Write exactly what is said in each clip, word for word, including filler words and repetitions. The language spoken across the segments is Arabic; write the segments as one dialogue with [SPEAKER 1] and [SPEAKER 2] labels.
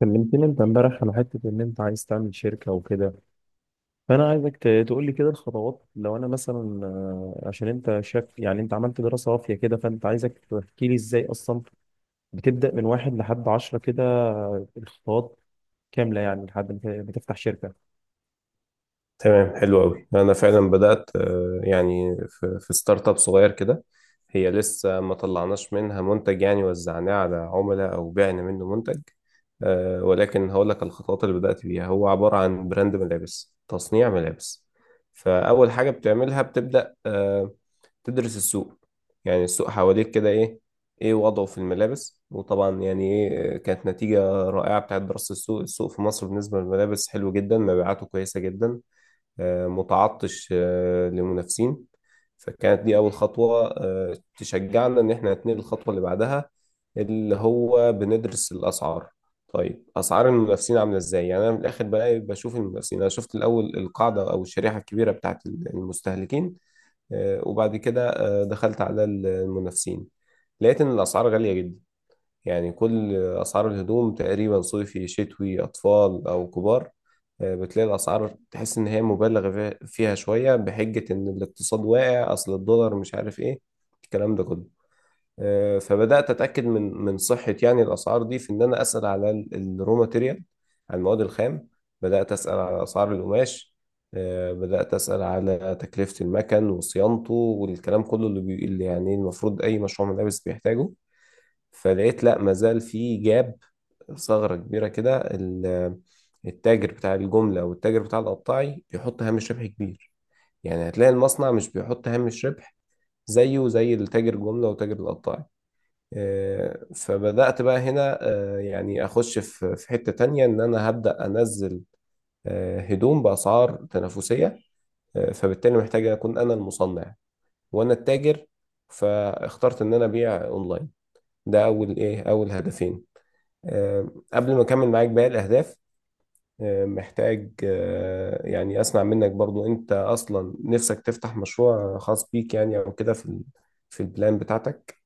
[SPEAKER 1] كلمتني انت امبارح على حته ان انت عايز تعمل شركه وكده. فانا عايزك ت- تقول لي كده الخطوات لو انا مثلا، آه، عشان انت شاف يعني انت عملت دراسه وافيه كده، فانت عايزك تحكي لي ازاي اصلا بتبدا من واحد لحد عشرة كده، آه، الخطوات كامله يعني لحد ما بتفتح شركه.
[SPEAKER 2] تمام، حلو قوي. انا فعلا بدات، آه، يعني في في ستارت اب صغير كده. هي لسه ما طلعناش منها منتج يعني وزعناه على عملاء او بعنا منه منتج. آه، ولكن هقول لك الخطوات اللي بدات بيها. هو عباره عن براند ملابس، تصنيع ملابس. فاول حاجه بتعملها بتبدا آه، تدرس السوق. يعني السوق حواليك كده ايه ايه وضعه في الملابس؟ وطبعا يعني ايه كانت نتيجه رائعه بتاعت دراسه السوق السوق في مصر بالنسبه للملابس حلو جدا، مبيعاته كويسه جدا، آه، متعطش آه، لمنافسين. فكانت دي أول خطوة آه، تشجعنا إن إحنا نتنقل الخطوة اللي بعدها، اللي هو بندرس الأسعار. طيب أسعار المنافسين عاملة إزاي؟ يعني أنا من الآخر بلاقي بشوف المنافسين. أنا شفت الأول القاعدة أو الشريحة الكبيرة بتاعت المستهلكين. آه، وبعد كده آه، دخلت على المنافسين، لقيت إن الأسعار غالية جدا. يعني كل أسعار الهدوم تقريبا، صيفي شتوي أطفال أو كبار، آه، بتلاقي الأسعار، تحس إن هي مبالغ فيها فيها شوية، بحجة إن الاقتصاد واقع، أصل الدولار مش عارف إيه الكلام ده كله. آه، فبدأت أتأكد من من صحة يعني الأسعار دي، في إن أنا أسأل على ال- الرو ماتيريال، على المواد الخام. بدأت أسأل على أسعار القماش. آه، بدأت أسأل على تكلفة المكن وصيانته والكلام كله اللي بي... اللي يعني المفروض أي مشروع ملابس بيحتاجه. فلقيت لا، ما زال في جاب، ثغرة كبيرة كده. ال- التاجر بتاع الجملة أو التاجر بتاع القطاعي بيحط هامش ربح كبير. يعني هتلاقي المصنع مش بيحط هامش ربح زيه زي التاجر الجملة وتاجر القطاعي. آه، فبدأت بقى هنا، آه، يعني أخش في في حتة تانية، إن أنا هبدأ أنزل آه، هدوم بأسعار تنافسية. آه، فبالتالي محتاج أكون أنا المصنع وأنا التاجر. فاخترت إن أنا أبيع أونلاين. ده أول، إيه، أول هدفين. آه، قبل ما اكمل معاك باقي الاهداف، آه، محتاج آه، يعني اسمع منك برضو، انت اصلا نفسك تفتح مشروع خاص بيك يعني؟ او كده في ال- في البلان بتاعتك؟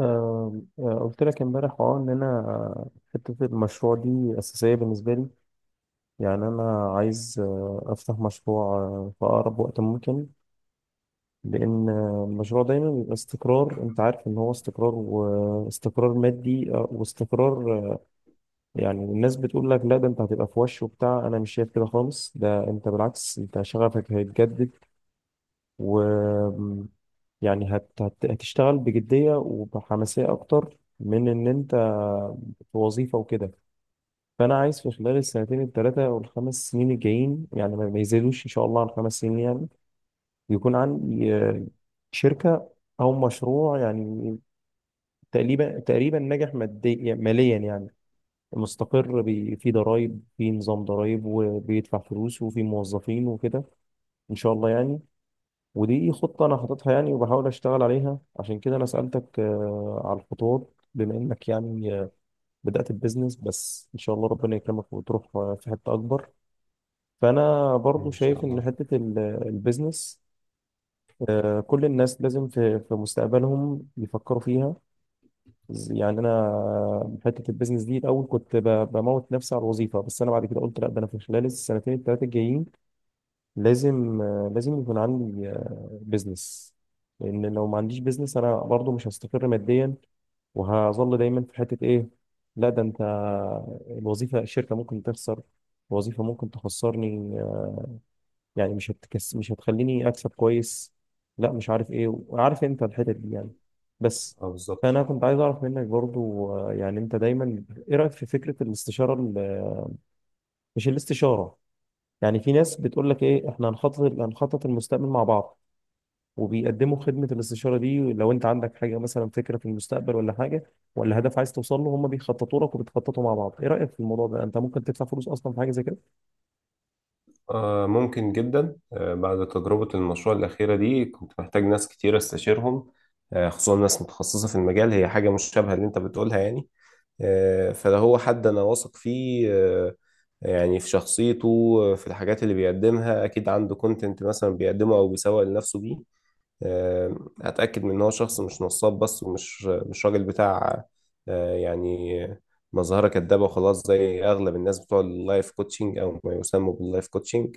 [SPEAKER 1] آه، آه، قلت لك امبارح اه ان انا آه، حته المشروع دي اساسيه بالنسبه لي. يعني انا عايز آه، افتح مشروع آه، في اقرب وقت ممكن، لأن المشروع دايما بيبقى استقرار، أنت عارف إن هو استقرار، واستقرار مادي آه، واستقرار، آه، يعني الناس بتقول لك لا ده أنت هتبقى في وش وبتاع. أنا مش شايف كده خالص، ده أنت بالعكس أنت شغفك هيتجدد و يعني هت... هت... هتشتغل بجدية وبحماسية أكتر من إن أنت في وظيفة وكده. فأنا عايز في خلال السنتين التلاتة والخمس سنين الجايين، يعني ما ما يزيدوش إن شاء الله عن خمس سنين يعني، ويكون عندي آه، شركة أو مشروع يعني، تقريبا تقريبا ناجح ماديا ماليا يعني، مستقر بي- في ضرايب، في نظام ضرايب وبيدفع فلوس وفي موظفين وكده إن شاء الله يعني. ودي خطة أنا حاططها يعني، وبحاول أشتغل عليها. عشان كده أنا سألتك آه، على الخطوات بما إنك يعني آه، بدأت البيزنس، بس إن شاء الله ربنا يكرمك وتروح آه، في حتة أكبر. فأنا برضو
[SPEAKER 2] إن شاء
[SPEAKER 1] شايف إن
[SPEAKER 2] الله.
[SPEAKER 1] حتة ال- البيزنس، آه، كل الناس لازم في في مستقبلهم يفكروا فيها. ز- يعني انا حته البيزنس دي الاول كنت ب- بموت نفسي على الوظيفه، بس انا بعد كده قلت لا، ده انا في خلال السنتين الثلاثه الجايين لازم آه، لازم يكون عندي بيزنس. لان لو ما عنديش بيزنس انا برضو مش هستقر ماديا، وهظل دايما في حته ايه؟ لا ده انت، الوظيفه، الشركه ممكن تخسر، الوظيفه ممكن تخسرني، آه، يعني مش هتكس مش هتخليني اكسب كويس، لا مش عارف ايه، وعارف انت الحتت دي يعني، بس.
[SPEAKER 2] اه، بالظبط.
[SPEAKER 1] فانا كنت عايز اعرف منك برضو آه، يعني انت دايما، ايه رايك في فكره الاستشاره ال- مش الاستشاره، يعني في ناس بتقول لك ايه احنا هنخطط هنخطط المستقبل مع بعض، وبيقدموا خدمه الاستشاره دي. لو انت عندك حاجه مثلا، فكره في المستقبل ولا حاجه، ولا هدف عايز توصل له، هم بيخططوا لك وبتخططوا مع بعض. ايه رايك في الموضوع ده؟ انت ممكن تدفع فلوس اصلا في حاجه زي كده؟
[SPEAKER 2] آه ممكن جدا. آه بعد تجربة المشروع الأخيرة دي كنت محتاج ناس كتير استشيرهم. آه خصوصا ناس متخصصة في المجال، هي حاجة مشابهة اللي أنت بتقولها يعني. آه، فده هو حد انا واثق فيه، آه، يعني في شخصيته، آه، في الحاجات اللي بيقدمها. اكيد عنده كونتنت مثلا بيقدمه او بيسوق لنفسه بيه. آه، هتاكد من ان هو شخص مش نصاب بس، ومش مش راجل بتاع آه، يعني مظهره كدابه وخلاص، زي اغلب الناس بتوع اللايف كوتشنج او ما يسموا باللايف كوتشنج.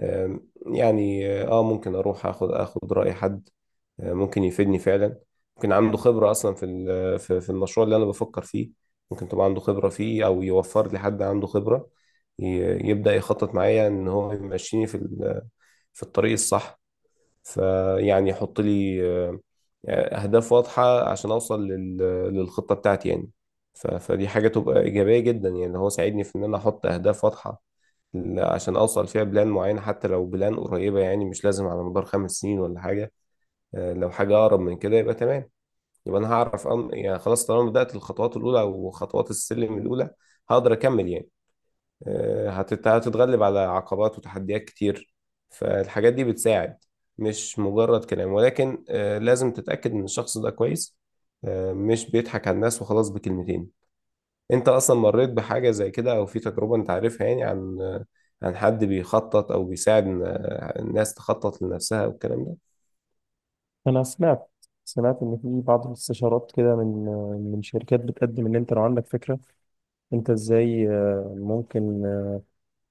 [SPEAKER 2] آه، يعني اه ممكن اروح اخد اخد راي حد، آه، ممكن يفيدني فعلا. ممكن عنده خبرة أصلا في ال- في في المشروع اللي أنا بفكر فيه. ممكن تبقى عنده خبرة فيه أو يوفر لي حد عنده خبرة ي- يبدأ يخطط معايا، إن هو يمشيني في ال- في الطريق الصح. فيعني يحط لي آه، أهداف واضحة عشان أوصل لل- للخطة بتاعتي يعني. ف- فدي حاجة تبقى إيجابية جدا يعني، اللي هو ساعدني في إن أنا أحط أهداف واضحة ل- عشان أوصل فيها بلان معينة، حتى لو بلان قريبة يعني، مش لازم على مدار خمس سنين ولا حاجة. آه، لو حاجة أقرب من كده يبقى تمام. يبقى أنا هعرف أم... يعني خلاص، طالما بدأت الخطوات الأولى أو خطوات السلم الأولى هقدر أكمل يعني. آه، هتت... هتتغلب على عقبات وتحديات كتير. فالحاجات دي بتساعد. مش مجرد كلام، ولكن آه، لازم تتأكد إن الشخص ده كويس، آه، مش بيضحك على الناس وخلاص بكلمتين. أنت أصلا مريت بحاجة زي كده؟ أو في تجربة أنت عارفها يعني عن آه، عن حد بيخطط أو بيساعد إن- آه، الناس تخطط لنفسها والكلام ده؟
[SPEAKER 1] أنا سمعت سمعت إن في بعض الاستشارات كده من من شركات بتقدم إن أنت لو عندك فكرة، أنت إزاي آه، ممكن، آه،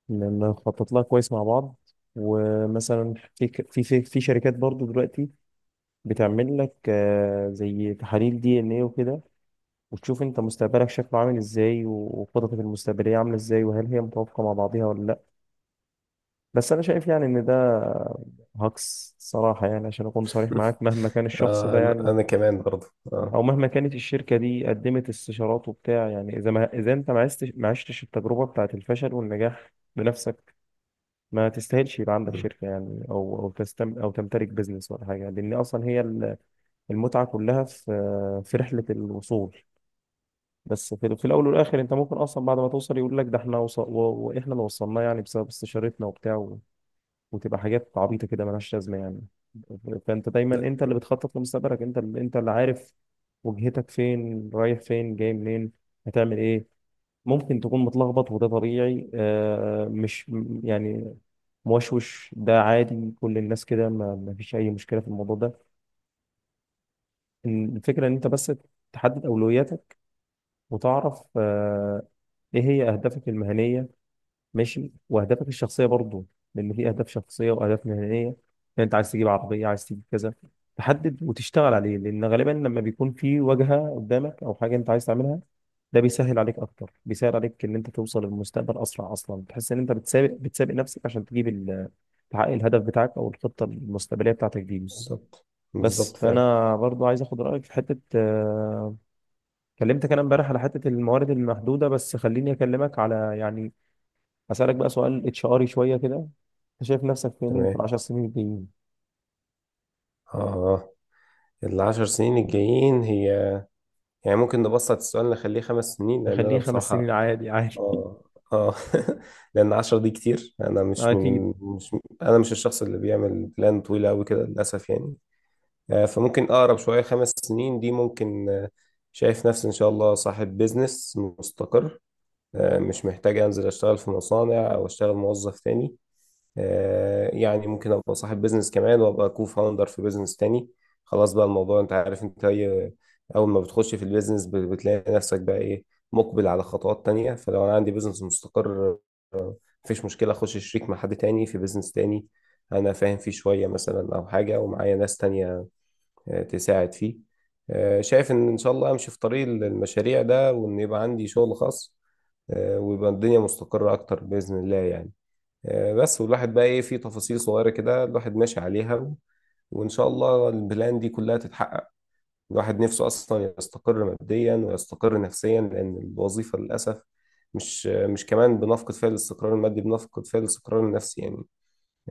[SPEAKER 1] ن- نخطط لها كويس مع بعض، ومثلا في ك- في في في شركات برضو دلوقتي بتعمل لك آه، زي تحاليل دي إن إيه وكده، وتشوف أنت مستقبلك شكله عامل إزاي، وخططك المستقبلية عاملة إزاي، وهل هي متوافقة مع بعضها ولا لأ. بس أنا شايف يعني إن ده هاكس صراحة، يعني عشان أكون صريح معاك مهما كان الشخص ده
[SPEAKER 2] أنا
[SPEAKER 1] يعني،
[SPEAKER 2] أنا كمان برضه. أه.
[SPEAKER 1] او مهما كانت الشركه دي قدمت استشارات وبتاع، يعني اذا ما اذا انت ما عشتش ما عشتش التجربه بتاعت الفشل والنجاح بنفسك، ما تستاهلش يبقى عندك شركه يعني، او او تستم او تمتلك بزنس ولا حاجه. لان اصلا هي ال- المتعه كلها في في رحله الوصول. بس في في الاول والاخر انت ممكن اصلا بعد ما توصل يقول لك ده احنا وص... و... واحنا اللي وصلناه يعني بسبب استشارتنا وبتاع، وتبقى حاجات عبيطه كده ملهاش لازمه يعني. فانت دايما
[SPEAKER 2] لا.
[SPEAKER 1] انت اللي بتخطط لمستقبلك، انت اللي انت اللي عارف وجهتك، فين رايح فين جاي منين، هتعمل ايه. ممكن تكون متلخبط، وده طبيعي آه مش م- يعني موشوش، ده عادي كل الناس كده، ما ما فيش اي مشكله في الموضوع ده. إن- الفكره ان انت بس تحدد اولوياتك، وتعرف آه ايه هي اهدافك المهنيه، ماشي، واهدافك الشخصيه برضو، لان في اهداف شخصيه واهداف مهنيه يعني. انت عايز تجيب عربيه، عايز تجيب كذا، تحدد وتشتغل عليه، لان غالبا لما بيكون في واجهه قدامك او حاجه انت عايز تعملها، ده بيسهل عليك اكتر، بيسهل عليك ان انت توصل للمستقبل اسرع، اصلا تحس ان انت بتسابق بتسابق نفسك عشان تجيب ال- تحقق الهدف بتاعك او الخطه المستقبليه بتاعتك دي.
[SPEAKER 2] بالظبط. بالظبط
[SPEAKER 1] بس
[SPEAKER 2] فعلا.
[SPEAKER 1] فانا برضو عايز اخد رايك في حته، آه، كلمتك انا امبارح على حته الموارد المحدوده، بس خليني اكلمك على يعني، هسألك بقى سؤال اتش اري شوية كده، انت شايف نفسك فين في
[SPEAKER 2] تمام.
[SPEAKER 1] العشر سنين الجايين؟
[SPEAKER 2] اه. العشر سنين الجايين هي، يعني ممكن نبسط السؤال نخليه خمس سنين، لان انا
[SPEAKER 1] نخليه خمس سنين،
[SPEAKER 2] بصراحة
[SPEAKER 1] عادي عادي.
[SPEAKER 2] اه، اه، لان عشر دي كتير. انا مش
[SPEAKER 1] اكيد.
[SPEAKER 2] من مش انا مش الشخص اللي بيعمل بلان طويلة قوي كده للاسف يعني. آه فممكن اقرب شوية، خمس سنين دي ممكن. آه شايف نفسي ان شاء الله صاحب بيزنس مستقر، آه مش محتاج انزل اشتغل في مصانع او اشتغل موظف تاني. آه، يعني ممكن ابقى صاحب بيزنس كمان وابقى كو فاوندر في بيزنس تاني. خلاص بقى، الموضوع انت عارف انت اي. اول ما بتخش في البيزنس بت- بتلاقي نفسك بقى ايه؟ مقبل على خطوات تانية. فلو انا عندي بيزنس مستقر، مفيش مشكلة اخش شريك مع حد تاني في بيزنس تاني انا فاهم فيه شوية مثلا، او حاجة ومعايا ناس تانية آه، تساعد فيه. آه، شايف ان ان شاء الله امشي في طريق المشاريع ده، وان يبقى عندي شغل خاص، آه، ويبقى الدنيا مستقرة اكتر بإذن الله يعني. آه، بس والواحد بقى ايه في تفاصيل صغيرة كده الواحد ماشي عليها و... وان شاء الله البلان دي كلها تتحقق. الواحد نفسه اصلا يستقر ماديا ويستقر نفسيا، لان الوظيفة للاسف مش مش كمان بنفقد فيها الاستقرار المادي، بنفقد فيها الاستقرار النفسي يعني.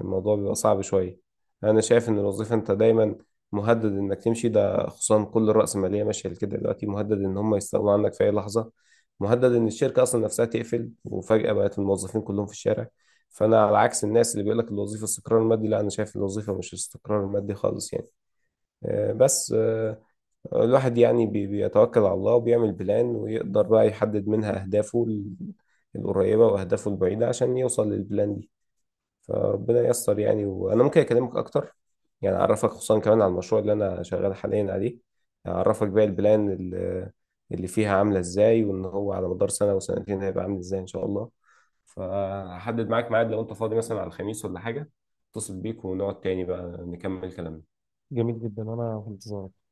[SPEAKER 2] الموضوع بيبقى صعب شوية. أنا شايف إن الوظيفة أنت دايما مهدد إنك تمشي، ده خصوصا كل الرأسمالية ماشية كده دلوقتي. مهدد إن هم يستغنوا عنك في أي لحظة، مهدد إن الشركة أصلا نفسها تقفل وفجأة بقت الموظفين كلهم في الشارع. فأنا على عكس الناس اللي بيقول لك الوظيفة استقرار مادي. لا، أنا شايف الوظيفة مش استقرار مادي خالص يعني. آه، بس آه، الواحد يعني بي- بيتوكل على الله وبيعمل بلان، ويقدر بقى يحدد منها أهدافه ال- القريبة وأهدافه البعيدة، عشان يوصل للبلان دي. فربنا ييسر يعني. وانا ممكن اكلمك اكتر يعني، اعرفك خصوصا كمان على المشروع اللي انا شغال حاليا عليه، اعرفك بقى البلان اللي اللي فيها عامله ازاي، وان هو على مدار سنه وسنتين هيبقى عامل ازاي ان شاء الله. فهحدد معاك ميعاد، لو انت فاضي مثلا على الخميس ولا حاجه اتصل بيك ونقعد تاني بقى نكمل كلامنا.
[SPEAKER 1] جميل جدا، انا في انتظارك.